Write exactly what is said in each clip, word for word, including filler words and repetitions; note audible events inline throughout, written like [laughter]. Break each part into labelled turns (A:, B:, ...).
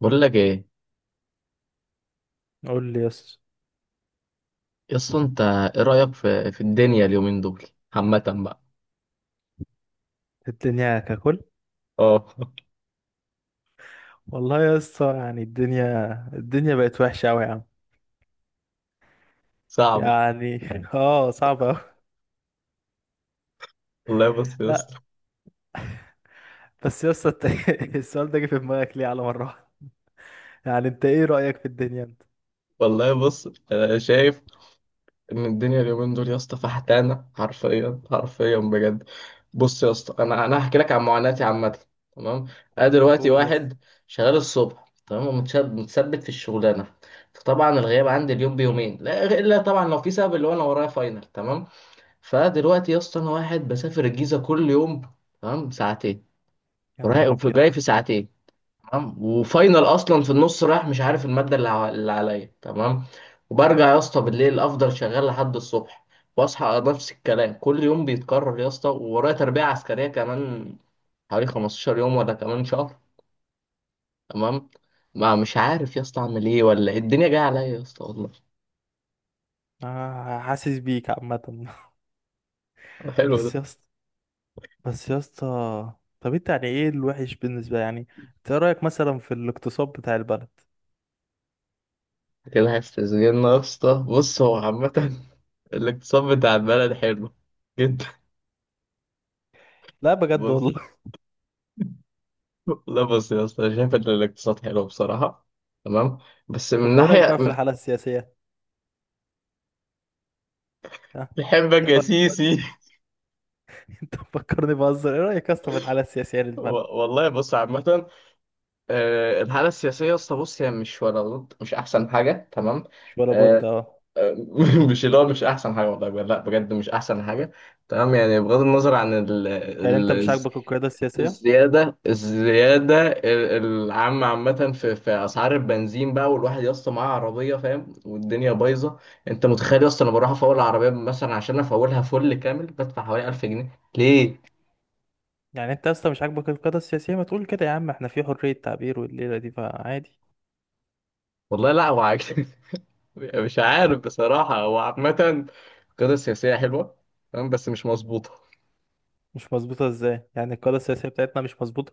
A: بقول لك ايه.
B: قول لي يا اسطى.
A: اصلا انت ايه رايك في في الدنيا اليومين دول عامه بقى.
B: الدنيا ككل.
A: اه. [laughs]
B: والله يا اسطى، يعني الدنيا الدنيا بقت وحشه قوي يا عم.
A: صعبه.
B: يعني [laughs] اه، صعبه قوي.
A: والله بص يا
B: لا،
A: اسطى.
B: بس يا اسطى انت [laughs] السؤال ده جه في دماغك ليه على مره واحدة؟ يعني انت ايه رايك في الدنيا انت؟
A: والله بص انا شايف ان الدنيا اليومين دول يا اسطى فحتانه، حرفيا حرفيا بجد. بص يا اسطى، انا انا هحكي لك عن معاناتي عامه، تمام؟ انا دلوقتي
B: قول يا اسطى.
A: واحد شغال الصبح، تمام، ومتشد- متثبت في الشغلانه. فطبعا الغياب عندي اليوم بيومين لا الا طبعا لو في سبب، اللي هو انا ورايا فاينل، تمام. فدلوقتي يا اسطى انا واحد بسافر الجيزه كل يوم، تمام، ساعتين
B: يا
A: رايح
B: نهار
A: وفي-
B: ابيض.
A: جاي في ساعتين، تمام. وفاينل اصلا في النص، رايح مش عارف الماده اللي ع- اللي عليا، تمام. وبرجع يا اسطى بالليل افضل شغال لحد الصبح، واصحى نفس الكلام كل يوم بيتكرر يا اسطى. وورايا تربيه عسكريه كمان حوالي خمسة عشر يوم ولا كمان شهر، تمام؟ ما مش عارف يا اسطى اعمل ايه ولا إيه. الدنيا جايه عليا يا اسطى والله.
B: آه، حاسس بيك عامه.
A: [laughs]
B: [laughs]
A: حلو
B: بس
A: ده.
B: يا اسطى بس يا اسطى طب انت يعني ايه الوحش بالنسبه يعني؟ انت ايه رايك مثلا في الاقتصاد بتاع البلد؟
A: كده هيستثمرنا يا اسطى. بص هو عامة [laughs] الاقتصاد بتاع البلد حلو جدا.
B: لا،
A: [laughs]
B: بجد والله.
A: بص، لا بص يا اسطى أنا شايف ان الاقتصاد حلو بصراحة، تمام، بس
B: [laughs]
A: من
B: طب وايه رايك
A: ناحية.
B: بقى في الحاله السياسيه؟ ها؟
A: بحبك
B: ايه
A: يا
B: رايك؟
A: سيسي.
B: انت مفكرني بهزر، ايه رأيك اصلا في الحالة السياسية
A: [laughs] و-
B: للبلد؟
A: والله بص عامة، آه، الحالة السياسية يا اسطى بص هي مش ولا ضد، مش أحسن حاجة، تمام.
B: مش ولا بد
A: آه،
B: اه.
A: آه، [laughs] مش اللي هو مش أحسن حاجة والله بجد، لا بجد مش أحسن حاجة، تمام. يعني بغض النظر عن
B: يعني
A: ال،
B: انت مش عاجبك القيادة السياسية؟
A: الزيادة الزيادة ال- العامة عامة في في أسعار البنزين بقى، والواحد يا اسطى معاه عربية فاهم، والدنيا بايظة. أنت متخيل يا اسطى أنا بروح أفول العربية مثلا، عشان أفولها فل كامل بدفع حوالي ألف جنيه؟ ليه؟
B: يعني انت اصلا مش عاجبك القيادة السياسية، ما تقول كده يا عم، احنا في حرية تعبير والليلة دي فعادي.
A: والله لا هو عاجب- [laughs] مش عارف بصراحة. هو عامة القيادة السياسية حلوة، تمام، بس مش مظبوطة.
B: مش مظبوطة ازاي؟ يعني القيادة السياسية بتاعتنا مش مظبوطة؟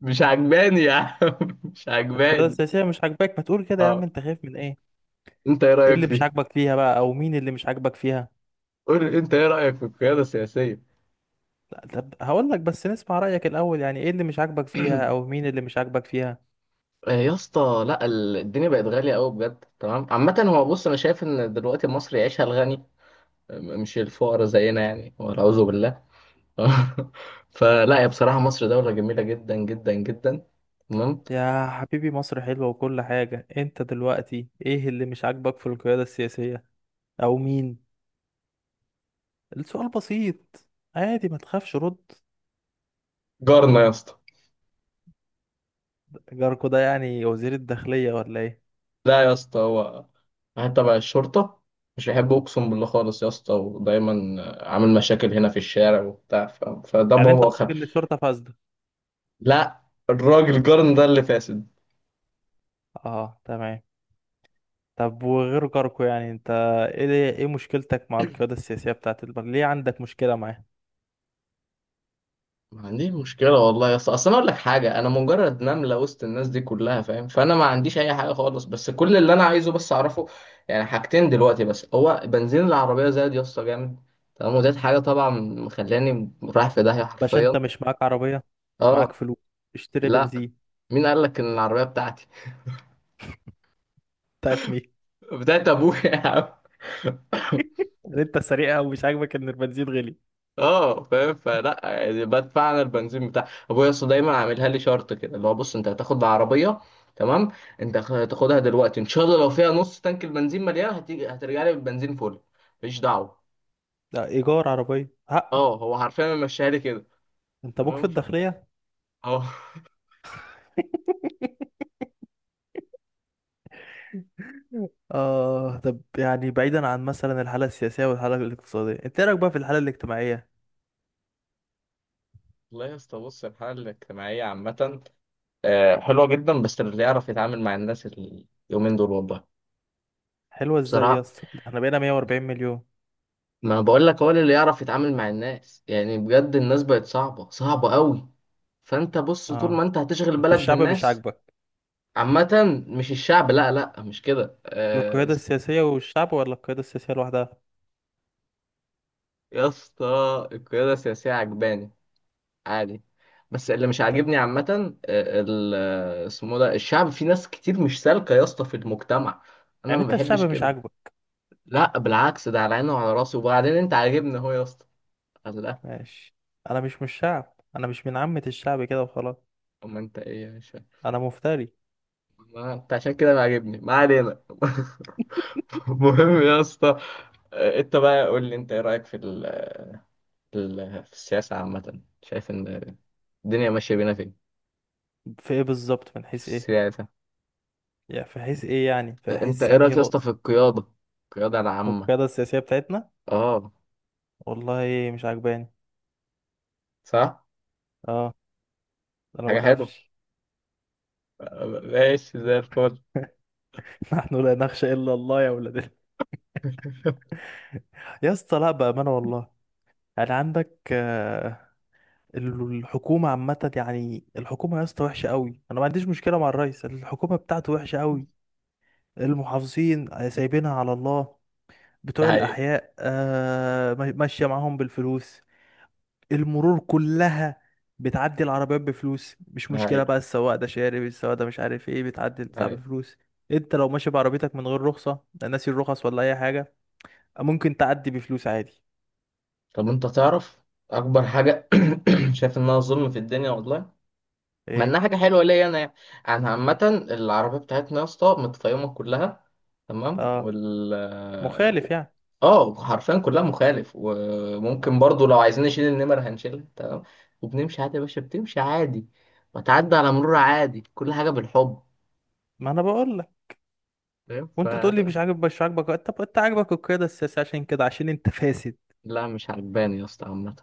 A: مش عجباني يا عم، [laughs] مش
B: القيادة
A: عجباني.
B: السياسية مش عاجباك، ما تقول كده يا عم،
A: أه،
B: انت خايف من ايه؟
A: أنت إيه
B: ايه
A: رأيك
B: اللي مش
A: فيه؟
B: عاجبك فيها بقى، او مين اللي مش عاجبك فيها؟
A: قول لي أنت إيه رأيك في القيادة السياسية؟
B: لا، طب هقول لك، بس نسمع رأيك الاول، يعني ايه اللي مش عاجبك فيها او مين اللي مش عاجبك فيها؟
A: آه، يا اسطى لا، ال- الدنيا بقت غالية قوي بجد، تمام. عامة هو بص أنا شايف إن دلوقتي مصر يعيشها الغني، م- مش الفقراء زينا يعني، والعياذ بالله. [laughs] فلا يا، بصراحة مصر دولة جميلة جدا جدا جدا، تمام.
B: يا حبيبي، مصر حلوة وكل حاجة، انت دلوقتي ايه اللي مش عاجبك في القيادة السياسية؟ او مين؟ السؤال بسيط. عادي، ما تخافش رد.
A: جارنا يا اسطى.
B: جاركو ده يعني وزير الداخلية ولا ايه؟
A: لا يا اسطى، هو واحد تبع الشرطة، مش بيحب أقسم بالله خالص يا اسطى، ودايما عامل مشاكل هنا في الشارع وبتاع. ف... فده
B: يعني انت
A: بابا خل...
B: قصدك ان الشرطة فاسدة؟
A: لا، الراجل جارنا ده اللي فاسد.
B: اه، تمام. طب وغير جاركو، يعني انت ايه ايه مشكلتك مع القيادة السياسية بتاعت البلد؟ ليه عندك مشكلة معاه؟
A: ما عنديش مشكلة والله يا اسطى. اصل انا اقول لك حاجة، انا مجرد نملة وسط الناس دي كلها فاهم، فانا ما عنديش اي حاجة خالص. بس كل اللي انا عايزه بس اعرفه، يعني حاجتين دلوقتي بس. هو بنزين العربية زاد يا اسطى جامد، تمام. وديت حاجة طبعا مخلاني رايح في داهية
B: باشا انت
A: حرفيا.
B: مش معاك عربية؟ معاك
A: اه.
B: فلوس، اشتري
A: لا،
B: بنزين.
A: مين قال لك ان العربية بتاعتي؟
B: [laughs] طيب مين؟
A: [laughs] بتاعت ابويا يا عم. [laughs]
B: يعني انت سريع أوي، مش عاجبك ان البنزين غلي؟
A: اه فاهم. فلا يعني بدفع انا البنزين بتاع ابويا. اصل دايما عاملها لي شرط كده، اللي هو بص انت هتاخد العربيه، تمام، انت خ- هتاخدها دلوقتي ان شاء الله، لو فيها نص تانك البنزين مليان هتيجي هترجع لي بالبنزين فل، مفيش دعوه.
B: ده ايجار عربية حقه.
A: اه هو حرفيا ماشيها لي كده،
B: انت ابوك في
A: تمام. ف،
B: الداخلية.
A: اه.
B: آه، طب يعني بعيدا عن مثلا الحالة السياسية والحالة الاقتصادية، انت إيه رأيك بقى في الحالة الاجتماعية؟
A: [laughs] والله يا اسطى بص الحاله الاجتماعيه عامه، آه، حلوه جدا، بس اللي يعرف يتعامل مع الناس اليومين دول والله.
B: حلوة ازاي يا
A: بصراحه
B: اسطى؟ ده احنا بقينا مئة واربعين مليون.
A: ما بقول لك، هو اللي يعرف يتعامل مع الناس يعني بجد، الناس بقت صعبة صعبة قوي. فانت بص طول
B: اه،
A: ما انت هتشغل
B: انت
A: بالك
B: الشعب مش
A: بالناس.
B: عاجبك؟
A: عامة مش الشعب، لا لا مش كده، آه،
B: القيادة السياسية والشعب، ولا القيادة السياسية لوحدها؟
A: يا اسطى القيادة السياسية عجباني، عادي. بس اللي مش
B: طب،
A: عاجبني عامة، آه، ال، آه، اسمه ده الشعب. في ناس كتير مش سالكة يا اسطى في المجتمع، انا
B: يعني
A: ما
B: انت الشعب
A: بحبش
B: مش
A: كده.
B: عاجبك؟
A: لا بالعكس، ده على عيني وعلى راسي. وبعدين انت عاجبني اهو يا اسطى، قال لا.
B: ماشي. انا مش من الشعب، انا مش من عامة الشعب كده وخلاص.
A: اما انت ايه يا.
B: انا مفتري.
A: ما انت عشان كده ما عاجبني، ما علينا. [laughs] مهم يا اسطى، آه، انت بقى قول لي انت ايه رايك في ال... في ال... في السياسه عامه، شايف ان الدنيا ماشيه بينا فين؟
B: في ايه بالظبط؟ من
A: في
B: حيث ايه؟
A: السياسه،
B: يعني في حيث ايه، يعني في
A: آه، انت
B: حيث
A: ايه
B: انهي
A: رايك يا اسطى
B: نقطة؟
A: في القياده، القياده العامه؟
B: والقيادة السياسية بتاعتنا؟
A: اه
B: والله مش عاجباني.
A: صح.
B: اه. انا
A: حاجه حلوه،
B: بخافش.
A: آه، ماشي زي الفل.
B: [laughs] [laughs] نحن لا نخشى إلا الله يا ولاد ال-
A: [laughs]
B: يا اسطى، لا بأمانة والله. يعني عندك آه، الحكومة عامة، يعني الحكومة يا اسطى وحشة قوي، أنا ما عنديش مشكلة مع الرئيس، الحكومة بتاعته وحشة قوي. المحافظين آه، سايبينها على الله.
A: ده
B: بتوع
A: حقيقي.
B: الأحياء آه، ما- ماشية معاهم بالفلوس. المرور كلها بتعدي العربيات بفلوس، مش
A: ده
B: مشكلة
A: حقيقي.
B: بقى، السواق ده شارب، السواق ده مش عارف ايه، بتعدي
A: ده
B: البتاع
A: حقيقي.
B: بفلوس. انت لو ماشي بعربيتك من غير رخصة، لا ناسي الرخص ولا أي حاجة، ممكن تعدي بفلوس عادي.
A: طب انت تعرف اكبر حاجه [clears throat] شايف انها ظلم في الدنيا والله، مع انها
B: ايه؟
A: حاجه حلوه ليا انا يعني. انا عامه العربيه بتاعتنا يا اسطى متطيمه كلها، تمام.
B: اه،
A: وال،
B: مخالف يعني؟
A: اه حرفيا كلها مخالف.
B: آه.
A: وممكن برضو لو عايزين نشيل النمر هنشيلها، تمام، وبنمشي عادي يا باشا. بتمشي عادي، وتعدي على مرور عادي، كل حاجه بالحب،
B: ما انا بقول لك.
A: فاهم؟ ف،
B: وانت تقول لي مش عاجب مش عاجبك، طب انت عاجبك القياده السياسيه عشان كده، عشان انت فاسد؟
A: لا مش عجباني يا اسطى عامه.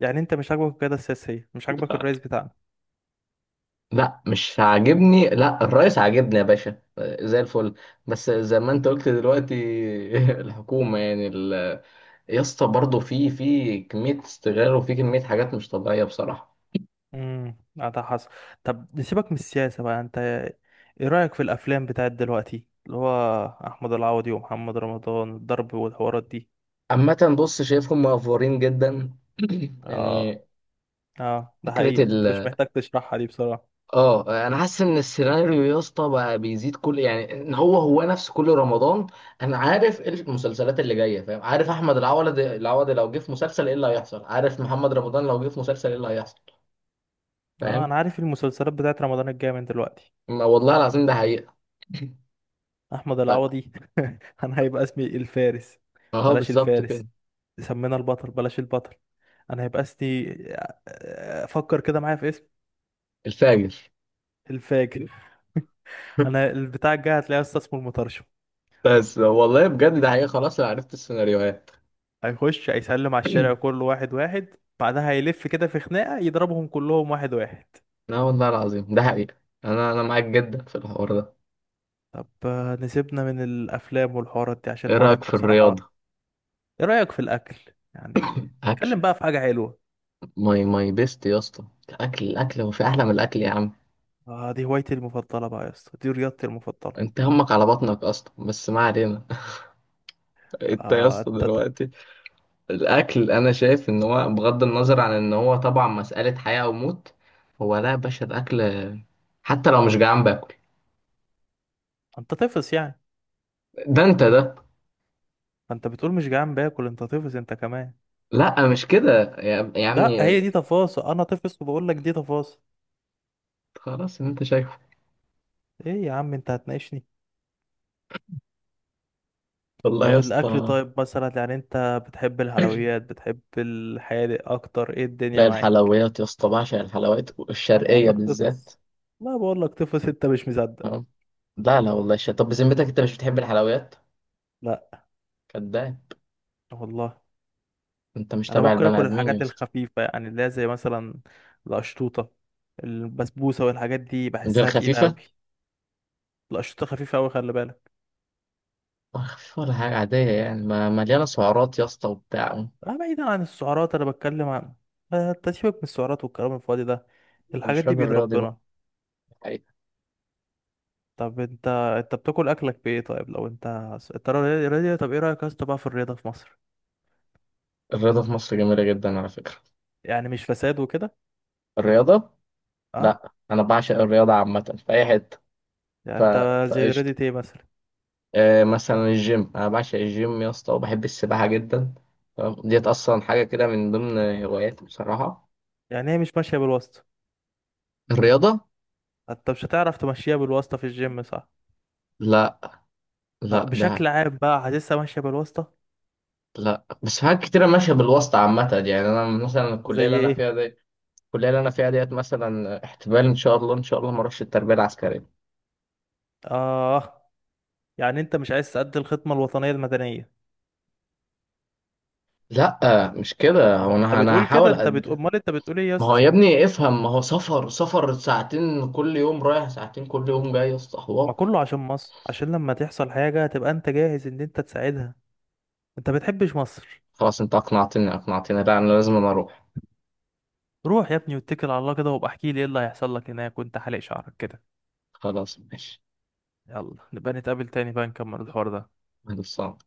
B: يعني انت مش عاجبك القياده السياسيه؟ مش عاجبك
A: لا،
B: الرئيس بتاعنا؟
A: لا، مش عاجبني. لا، الرئيس عاجبني يا باشا، آه، زي الفل، بس زي ما انت قلت دلوقتي، [laughs] الحكومه يعني يا اسطى برضه في في كمية استغلال، وفي كمية حاجات مش طبيعية بصراحة.
B: امم ده حصل. طب نسيبك من السياسه بقى، انت ايه رايك في الافلام بتاعت دلوقتي، اللي هو احمد العوضي ومحمد رمضان، الضرب والحوارات دي؟
A: عامة بص شايفهم مأفورين جدا. [clears throat] يعني
B: اه. اه، ده
A: فكرة
B: حقيقه، انت
A: ال،
B: مش محتاج تشرحها دي بصراحه.
A: اه انا حاسس ان السيناريو يا اسطى بقى بيزيد كل، يعني ان هو هو نفس كل رمضان. انا عارف إيه المسلسلات اللي جاية، فاهم؟ عارف احمد العوض العوضي لو جه في مسلسل ايه اللي هيحصل، عارف محمد رمضان لو جه في مسلسل ايه اللي هيحصل،
B: اه،
A: فاهم؟
B: انا عارف المسلسلات بتاعت رمضان الجايه من دلوقتي.
A: ما والله العظيم ده حقيقة.
B: احمد
A: ف...
B: العوضي. [laughs] انا هيبقى اسمي الفارس.
A: اهو
B: بلاش
A: بالظبط
B: الفارس،
A: كده.
B: سمينا البطل. بلاش البطل، انا هيبقى اسمي [laughs] فكر كده معايا في اسم.
A: الفاجر.
B: الفاجر. [laughs] انا
A: [laughs]
B: البتاع الجاي هتلاقيه اصلا اسمه المطرشم.
A: بس والله بجد ده حقيقة، خلاص انا عرفت السيناريوهات.
B: هيخش هيسلم على الشارع كله واحد واحد. بعدها هيلف كده في خناقة يضربهم كلهم واحد واحد.
A: لا والله العظيم ده حقيقة، انا انا معاك جدا في الحوار ده.
B: طب آه، نسيبنا من الافلام والحوارات دي، عشان
A: ايه
B: حوارات
A: رأيك
B: ده
A: في
B: بصراحة.
A: الرياضة؟
B: ايه رأيك في الاكل، يعني
A: اكل،
B: نتكلم بقى في حاجة حلوة.
A: ماي ماي بيست يا اسطى، الاكل الاكل. هو في احلى من الاكل يا عم؟
B: آه، دي هوايتي المفضلة بقى يا اسطى، دي رياضتي المفضلة.
A: انت همك على بطنك اصلا، بس ما علينا. [laughs] انت يا
B: آه،
A: اسطى
B: انت
A: دلوقتي الاكل، انا شايف ان هو بغض النظر عن ان هو طبعا مسألة حياة او موت، هو لا يا باشا الاكل حتى لو مش جعان باكل.
B: انت طفس يعني.
A: ده انت ده.
B: انت بتقول مش جعان باكل، انت طفس انت كمان.
A: لا مش كده يا، يا
B: لا،
A: عمي.
B: هي دي تفاصيل. انا طفس وبقول لك دي تفاصيل.
A: خلاص اللي انت شايفه.
B: ايه يا عم، انت هتناقشني؟
A: والله يا
B: طب الاكل،
A: اسطى
B: طيب مثلا يعني انت بتحب الحلويات، بتحب الحادق اكتر، ايه الدنيا
A: لا،
B: معاك؟
A: الحلويات يا اسطى بعشق الحلويات
B: انا بقول
A: الشرقية
B: لك
A: بالذات،
B: طفس. لا، بقول لك طفس انت مش مصدق.
A: تمام. لا لا والله الشرقية. طب بذمتك انت مش بتحب الحلويات؟
B: لا.
A: كداب.
B: والله.
A: انت مش
B: انا
A: تبع
B: ممكن
A: البني
B: اكل
A: ادمين يا
B: الحاجات
A: اسطى.
B: الخفيفه، يعني اللي هي زي مثلا القشطوطه، البسبوسه، والحاجات دي
A: دي
B: بحسها تقيله قوي.
A: الخفيفة؟
B: القشطوطه خفيفه قوي، خلي بالك.
A: ولا خفيفة ولا حاجة عادية، يعني ما مليانة سعرات يا اسطى وبتاع.
B: اه، بعيدا عن السعرات، انا بتكلم عن آه، انت سيبك من السعرات والكلام الفاضي ده.
A: انت
B: الحاجات
A: مش
B: دي
A: راجل
B: بإيد
A: رياضي بقى؟
B: ربنا.
A: الحقيقة.
B: طب انت انت بتاكل اكلك بايه؟ طيب لو انت، انت رياضي رياضي، طب ايه رأيك يا اسطى بقى في الرياضة في مصر؟
A: الرياضة في مصر جميلة جدا على فكرة.
B: يعني مش فساد وكده؟
A: الرياضة،
B: اه.
A: لا انا بعشق الرياضة عامة في اي حتة.
B: يعني
A: ف...
B: انت زي
A: فقشطة.
B: رياضة ايه مثلا؟
A: آه مثلا الجيم، انا بعشق الجيم يا اسطى، وبحب السباحة جدا، تمام؟ ديت اصلا حاجة كده من ضمن هواياتي بصراحة.
B: يعني هي مش ماشية بالواسطة؟
A: الرياضة،
B: انت مش هتعرف تمشيها بالواسطة في الجيم، صح؟
A: لا. لا
B: طب
A: ده.
B: بشكل عام بقى، حاسسها ماشية بالواسطة؟
A: لا بس حاجات كتيرة ماشية بالواسطة عامة. يعني أنا مثلا
B: زي
A: الكلية اللي أنا
B: ايه؟
A: فيها دي، الكلية اللي أنا فيها ديت مثلا احتمال إن شاء الله إن شاء الله ما أروحش التربية العسكرية.
B: اه. يعني انت مش عايز تأدي الخدمة الوطنية المدنية؟
A: لا مش كده،
B: طب
A: هو
B: ما انت
A: أنا أنا
B: بتقول كده،
A: هحاول
B: انت بتقول
A: قد،
B: امال، انت بتقول ايه يا
A: ما هو
B: اسطى؟
A: يا ابني افهم، ما هو سفر سفر ساعتين كل يوم رايح، ساعتين كل يوم جاي يا اسطى
B: ما
A: حوار.
B: كله عشان مصر، عشان لما تحصل حاجة تبقى انت جاهز ان انت تساعدها. انت بتحبش مصر؟
A: خلاص أنت أقنعتني أقنعتني، لا أنا لازم، أنا أروح.
B: روح يا ابني واتكل على الله كده، وابقى احكي لي ايه اللي هيحصل لك هناك وانت حالق شعرك كده.
A: خلاص ماشي.
B: يلا نبقى نتقابل تاني بقى نكمل الحوار ده.
A: خلاص.